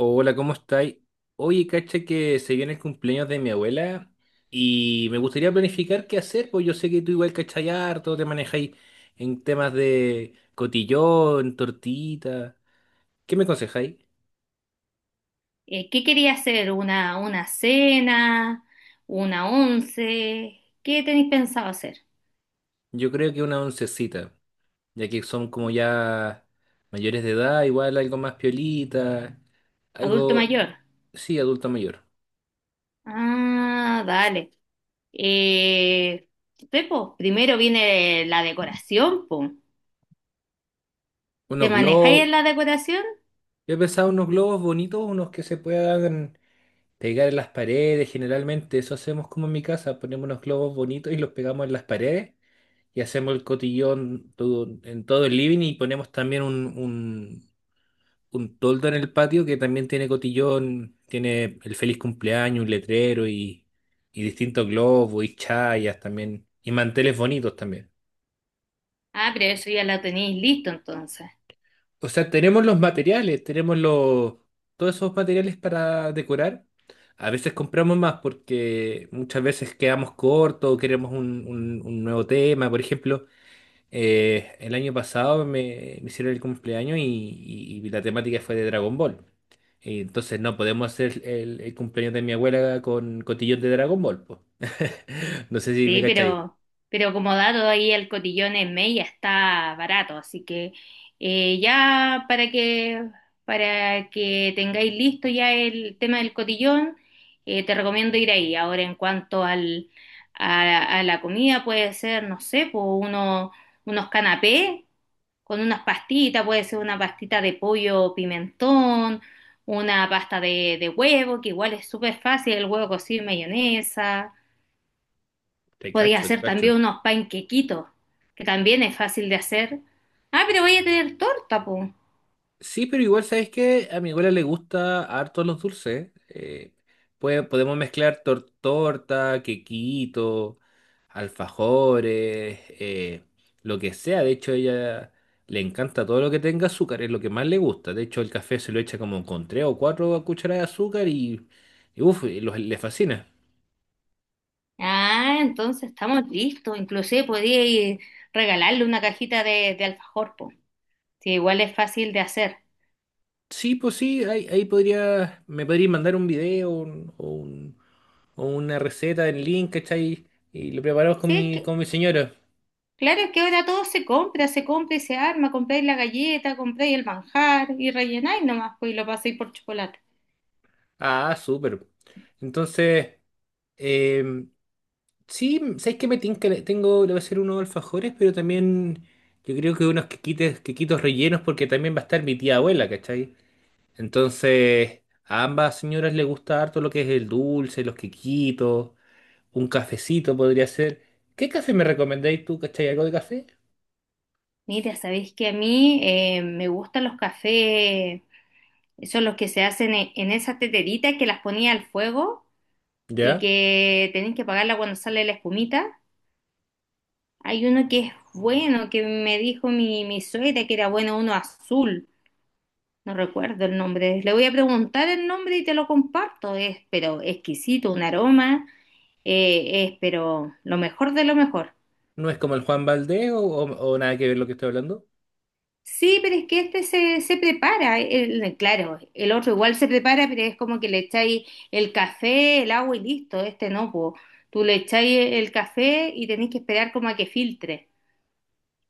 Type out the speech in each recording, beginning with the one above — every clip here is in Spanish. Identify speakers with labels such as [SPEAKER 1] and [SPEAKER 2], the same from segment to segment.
[SPEAKER 1] Hola, ¿cómo estáis? Oye, cacha que se viene el cumpleaños de mi abuela y me gustaría planificar qué hacer, pues yo sé que tú igual cachai harto, te manejáis en temas de cotillón, tortita. ¿Qué me aconsejáis?
[SPEAKER 2] ¿qué quería hacer? ¿Una cena? ¿Una once? ¿Qué tenéis pensado hacer?
[SPEAKER 1] Yo creo que una oncecita, ya que son como ya mayores de edad, igual algo más piolita,
[SPEAKER 2] ¿Adulto
[SPEAKER 1] algo,
[SPEAKER 2] mayor?
[SPEAKER 1] sí, adulto mayor.
[SPEAKER 2] Ah, dale. Eh, sí, po, primero viene la decoración, po. ¿Te
[SPEAKER 1] Unos
[SPEAKER 2] manejáis
[SPEAKER 1] globos,
[SPEAKER 2] en la decoración?
[SPEAKER 1] yo he pensado unos globos bonitos, unos que se puedan pegar en las paredes, generalmente eso hacemos como en mi casa, ponemos unos globos bonitos y los pegamos en las paredes y hacemos el cotillón en todo el living y ponemos también un toldo en el patio que también tiene cotillón, tiene el feliz cumpleaños, un letrero y distintos globos y chayas también y manteles bonitos también.
[SPEAKER 2] Ah, pero eso ya la tenéis listo entonces.
[SPEAKER 1] O sea, tenemos los materiales, tenemos los, todos esos materiales para decorar. A veces compramos más porque muchas veces quedamos cortos o queremos un nuevo tema. Por ejemplo, el año pasado me hicieron el cumpleaños y la temática fue de Dragon Ball. Y entonces no podemos hacer el cumpleaños de mi abuela con cotillón de Dragon Ball, po. No sé si me
[SPEAKER 2] Sí,
[SPEAKER 1] cachai.
[SPEAKER 2] pero, pero como dado ahí el cotillón en Mella está barato, así que ya para que tengáis listo ya el tema del cotillón, te recomiendo ir ahí. Ahora en cuanto a la comida puede ser, no sé, po, uno, unos canapés con unas pastitas, puede ser una pastita de pollo pimentón, una pasta de huevo, que igual es súper fácil, el huevo cocido y mayonesa.
[SPEAKER 1] Te
[SPEAKER 2] Podía
[SPEAKER 1] cacho, te
[SPEAKER 2] hacer también
[SPEAKER 1] cacho.
[SPEAKER 2] unos panquequitos, que también es fácil de hacer. Ah, pero voy a tener torta, po.
[SPEAKER 1] Sí, pero igual sabes que a mi abuela le gusta harto los dulces. Podemos mezclar torta, quequito, alfajores, lo que sea. De hecho, ella le encanta todo lo que tenga azúcar, es lo que más le gusta. De hecho, el café se lo echa como con tres o cuatro cucharadas de azúcar y uf, le fascina.
[SPEAKER 2] Ah, entonces estamos listos. Inclusive podía ir regalarle una cajita de alfajor, po. Sí, igual es fácil de hacer.
[SPEAKER 1] Sí, pues sí, ahí podría, me podría mandar un video o una receta en link, ¿cachai? Y lo preparamos
[SPEAKER 2] Sí, que,
[SPEAKER 1] con mi señora.
[SPEAKER 2] claro, es que ahora todo se compra y se arma. Compráis la galleta, compráis el manjar y rellenáis nomás, pues, y lo pasáis por chocolate.
[SPEAKER 1] Ah, súper. Entonces, em, sí, sabes que me tinca, tengo, le voy a hacer unos alfajores, pero también yo creo que unos quequitos rellenos, porque también va a estar mi tía abuela, ¿cachai? Entonces, a ambas señoras les gusta harto lo que es el dulce, los quequitos, un cafecito podría ser. ¿Qué café me recomendáis tú, cachai? ¿Algo de café?
[SPEAKER 2] Mira, sabéis que a mí me gustan los cafés, esos los que se hacen en esas teteritas que las ponía al fuego y
[SPEAKER 1] ¿Ya?
[SPEAKER 2] que tenéis que pagarla cuando sale la espumita. Hay uno que es bueno, que me dijo mi suegra que era bueno, uno azul. No recuerdo el nombre. Le voy a preguntar el nombre y te lo comparto. Es pero exquisito, un aroma. Es pero lo mejor de lo mejor.
[SPEAKER 1] ¿No es como el Juan Valdés o, o nada que ver lo que estoy hablando?
[SPEAKER 2] Sí, pero es que este se prepara. Claro, el otro igual se prepara, pero es como que le echáis el café, el agua y listo. Este no, po. Tú le echáis el café y tenéis que esperar como a que filtre.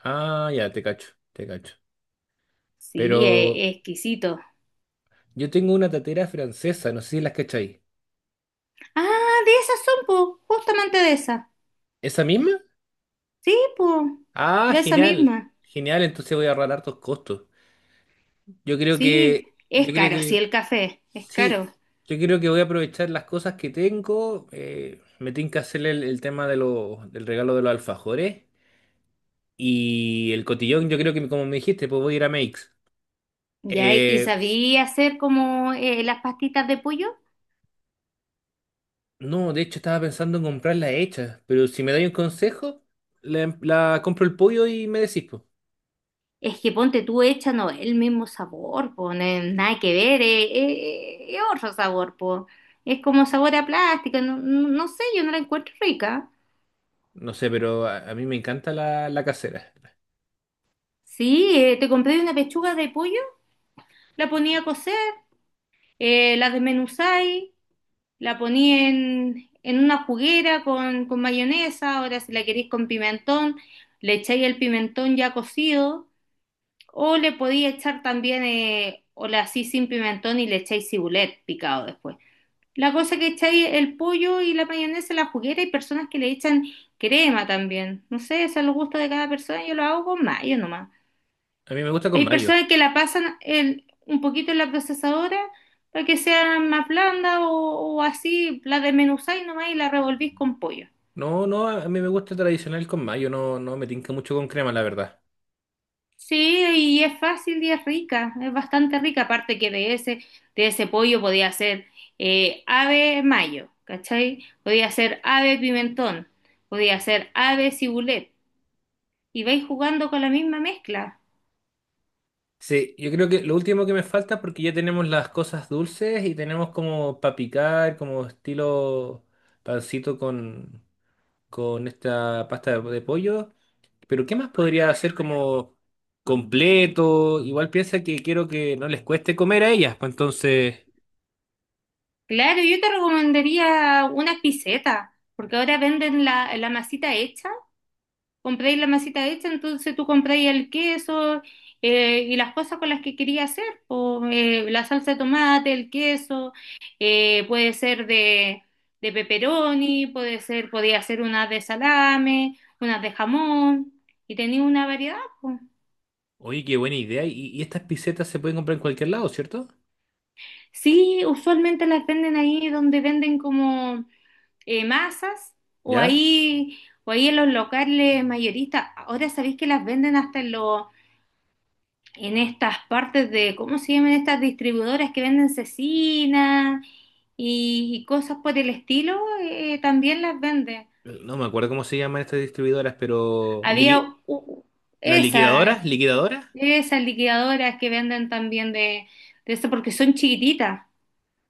[SPEAKER 1] Ah, ya, te cacho, te cacho.
[SPEAKER 2] Sí,
[SPEAKER 1] Pero.
[SPEAKER 2] es exquisito.
[SPEAKER 1] Yo tengo una tatera francesa, no sé si las cachai.
[SPEAKER 2] Ah, de esas son, po, justamente de esas.
[SPEAKER 1] ¿Esa misma?
[SPEAKER 2] Sí, po,
[SPEAKER 1] Ah,
[SPEAKER 2] de esa
[SPEAKER 1] genial.
[SPEAKER 2] misma.
[SPEAKER 1] Genial, entonces voy a ahorrar hartos costos.
[SPEAKER 2] Sí, es
[SPEAKER 1] Yo creo
[SPEAKER 2] caro, sí,
[SPEAKER 1] que,
[SPEAKER 2] el café, es
[SPEAKER 1] sí,
[SPEAKER 2] caro.
[SPEAKER 1] yo creo que voy a aprovechar las cosas que tengo. Me tengo que hacer el tema de los, del regalo de los alfajores. Y el cotillón, yo creo que como me dijiste, pues voy a ir a Makes.
[SPEAKER 2] Ya, y
[SPEAKER 1] Eh,
[SPEAKER 2] sabía hacer como las pastitas de pollo.
[SPEAKER 1] no, de hecho estaba pensando en comprarla hecha, pero si me dais un consejo, la compro el pollo y me decís, pues.
[SPEAKER 2] Es que ponte tú hecha, no, el mismo sabor, pone nada que ver, es otro sabor, po. Es como sabor a plástico, no, no sé, yo no la encuentro rica.
[SPEAKER 1] No sé, pero a mí me encanta la casera.
[SPEAKER 2] Sí, te compré una pechuga de pollo, la ponía a cocer, la desmenuzáis. La ponía en una juguera con mayonesa. Ahora si la queréis con pimentón, le echáis el pimentón ya cocido, o le podéis echar también, o la así sin pimentón y le echáis cibulet picado después. La cosa que echáis el pollo y la mayonesa en la juguera, hay personas que le echan crema también. No sé, eso es el gusto de cada persona, yo lo hago con mayo nomás.
[SPEAKER 1] A mí me gusta con
[SPEAKER 2] Hay
[SPEAKER 1] mayo.
[SPEAKER 2] personas que la pasan un poquito en la procesadora para que sea más blanda o así, la desmenuzáis nomás y la revolvís con pollo.
[SPEAKER 1] No, a mí me gusta tradicional con mayo. No, no me tinca mucho con crema, la verdad.
[SPEAKER 2] Sí, y es fácil y es rica, es bastante rica, aparte que de ese pollo podía hacer ave mayo, ¿cachai? Podía hacer ave pimentón, podía hacer ave cibulet, y vais jugando con la misma mezcla.
[SPEAKER 1] Sí, yo creo que lo último que me falta, porque ya tenemos las cosas dulces y tenemos como para picar, como estilo pancito con esta pasta de pollo. Pero ¿qué más podría hacer como completo? Igual piensa que quiero que no les cueste comer a ellas, pues entonces...
[SPEAKER 2] Claro, yo te recomendaría unas pisetas, porque ahora venden la masita hecha. Compráis la masita hecha, entonces tú compráis el queso, y las cosas con las que quería hacer, po, la salsa de tomate, el queso, puede ser de pepperoni, puede ser, podía hacer unas de salame, unas de jamón, y tenía una variedad, po.
[SPEAKER 1] Oye, qué buena idea. Y estas pisetas se pueden comprar en cualquier lado, ¿cierto?
[SPEAKER 2] Sí, usualmente las venden ahí donde venden como masas o
[SPEAKER 1] ¿Ya?
[SPEAKER 2] ahí, o ahí en los locales mayoristas. Ahora sabéis que las venden hasta en los en estas partes de, ¿cómo se llaman estas distribuidoras que venden cecina y cosas por el estilo? También las venden.
[SPEAKER 1] No me acuerdo cómo se llaman estas distribuidoras, pero... liqui-
[SPEAKER 2] Había u-
[SPEAKER 1] ¿Las liquidadoras?
[SPEAKER 2] esa,
[SPEAKER 1] ¿Liquidadoras?
[SPEAKER 2] Esas liquidadoras que venden también de eso porque son chiquititas.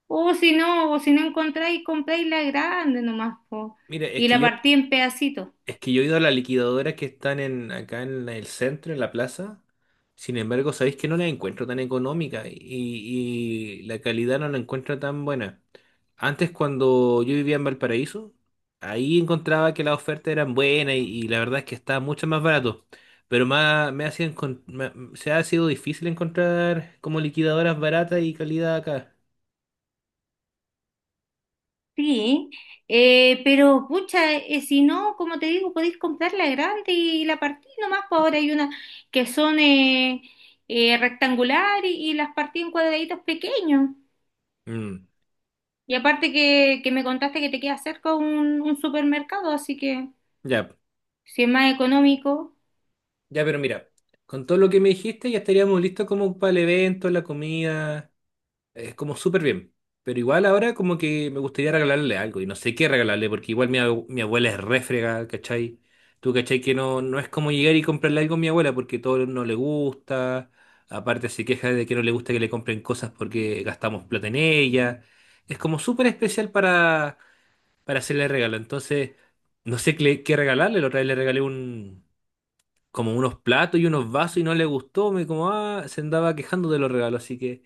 [SPEAKER 2] O si no encontráis, compráis la grande nomás, po,
[SPEAKER 1] Mire, es
[SPEAKER 2] y
[SPEAKER 1] que
[SPEAKER 2] la
[SPEAKER 1] yo.
[SPEAKER 2] partí en pedacitos.
[SPEAKER 1] Es que yo he ido a las liquidadoras que están en, acá en el centro, en la plaza. Sin embargo, sabéis que no la encuentro tan económica y la calidad no la encuentro tan buena. Antes, cuando yo vivía en Valparaíso, ahí encontraba que las ofertas eran buenas y la verdad es que estaba mucho más barato. Pero más, me ha sido se ha sido difícil encontrar como liquidadoras baratas y calidad acá.
[SPEAKER 2] Sí, pero pucha, si no, como te digo, podéis comprar la grande y la partí nomás, pues ahora hay unas que son rectangular y las partí en cuadraditos pequeños.
[SPEAKER 1] Mm,
[SPEAKER 2] Y aparte que me contaste que te queda cerca un supermercado, así que
[SPEAKER 1] ya,
[SPEAKER 2] si es más económico,
[SPEAKER 1] ya, pero mira, con todo lo que me dijiste ya estaríamos listos como para el evento, la comida. Es como súper bien. Pero igual ahora como que me gustaría regalarle algo. Y no sé qué regalarle, porque igual mi, mi abuela es refrega, ¿cachai? Tú, ¿cachai? Que no, no es como llegar y comprarle algo a mi abuela porque todo no le gusta. Aparte se queja de que no le gusta que le compren cosas porque gastamos plata en ella. Es como súper especial para hacerle regalo. Entonces, no sé qué, qué regalarle. La otra vez le regalé un, como unos platos y unos vasos y no le gustó. Me como, ah, se andaba quejando de los regalos. Así que...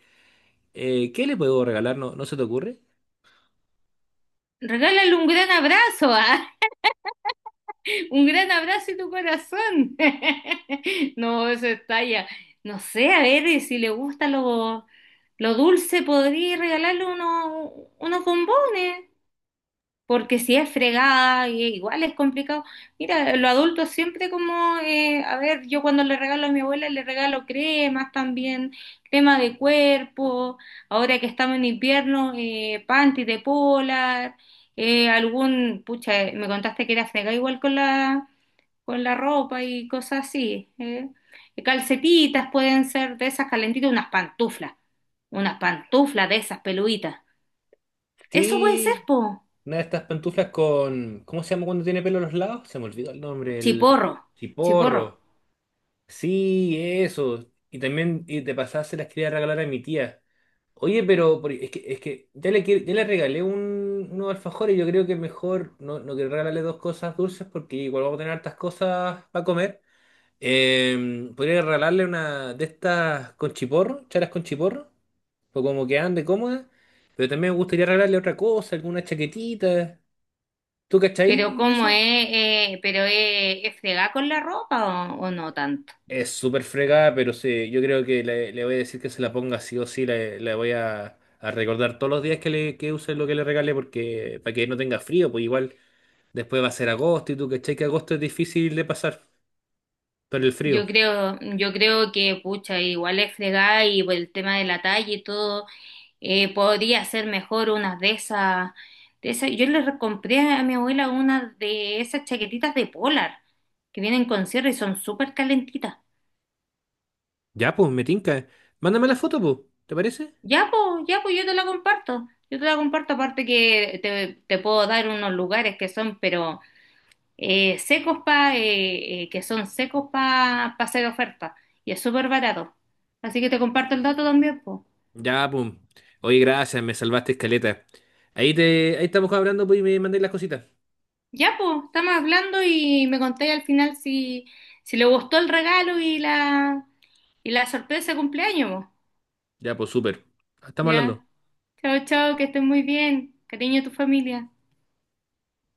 [SPEAKER 1] ¿Qué le puedo regalar? ¿No, no se te ocurre?
[SPEAKER 2] regálale un gran abrazo, ¿ah? Un gran abrazo y tu corazón. No, eso es talla. No sé, a ver y si le gusta lo dulce, podría regalarle unos, unos bombones. Porque si es fregada, y igual es complicado. Mira, los adultos siempre como, a ver, yo cuando le regalo a mi abuela le regalo cremas también, crema de cuerpo, ahora que estamos en invierno, panty de polar, algún, pucha, me contaste que era fregada igual con la ropa y cosas así. ¿Eh? Calcetitas pueden ser de esas calentitas, unas pantuflas de esas peluditas. Eso puede ser,
[SPEAKER 1] Sí,
[SPEAKER 2] po.
[SPEAKER 1] una de estas pantuflas con. ¿Cómo se llama cuando tiene pelo a los lados? Se me olvidó el nombre, el
[SPEAKER 2] Chiporro, chiporro.
[SPEAKER 1] chiporro. Sí, eso. Y también, y de pasada se las quería regalar a mi tía. Oye, pero es que ya le, ya le regalé un, unos alfajores. Yo creo que mejor no, no quiero regalarle dos cosas dulces porque igual vamos a tener hartas cosas para comer. Podría regalarle una de estas con chiporro, charas con chiporro, o como que ande cómoda, pero también me gustaría regalarle otra cosa, alguna chaquetita. ¿Tú
[SPEAKER 2] Pero
[SPEAKER 1] cachai de
[SPEAKER 2] cómo
[SPEAKER 1] eso?
[SPEAKER 2] es. Pero es fregar con la ropa o no tanto.
[SPEAKER 1] Es súper fregada, pero sí, yo creo que le voy a decir que se la ponga sí o sí, le voy a recordar todos los días que, le, que use lo que le regale, porque para que no tenga frío, pues igual después va a ser agosto y tú cachai que agosto es difícil de pasar por el
[SPEAKER 2] Yo
[SPEAKER 1] frío.
[SPEAKER 2] creo, yo creo que, pucha, igual es fregar y por el tema de la talla y todo, podría ser mejor unas de esas, de esas. Compré a mi abuela una de esas chaquetitas de polar que vienen con cierre y son súper calentitas.
[SPEAKER 1] Ya, pues, me tinca. Mándame la foto, pues, ¿te parece?
[SPEAKER 2] Ya, pues yo te la comparto. Yo te la comparto, aparte que te puedo dar unos lugares que son, pero secos pa, que son secos para hacer oferta. Y es súper barato. Así que te comparto el dato también, pues.
[SPEAKER 1] Ya, pum. Oye, gracias, me salvaste escaleta. Ahí estamos hablando, pues, y me mandáis las cositas.
[SPEAKER 2] Ya, pues, estamos hablando y me conté al final si le gustó el regalo y la. Y la sorpresa de cumpleaños, mo.
[SPEAKER 1] Ya, pues, súper. Estamos
[SPEAKER 2] Ya.
[SPEAKER 1] hablando.
[SPEAKER 2] Chao, chao, que estés muy bien. Cariño a tu familia.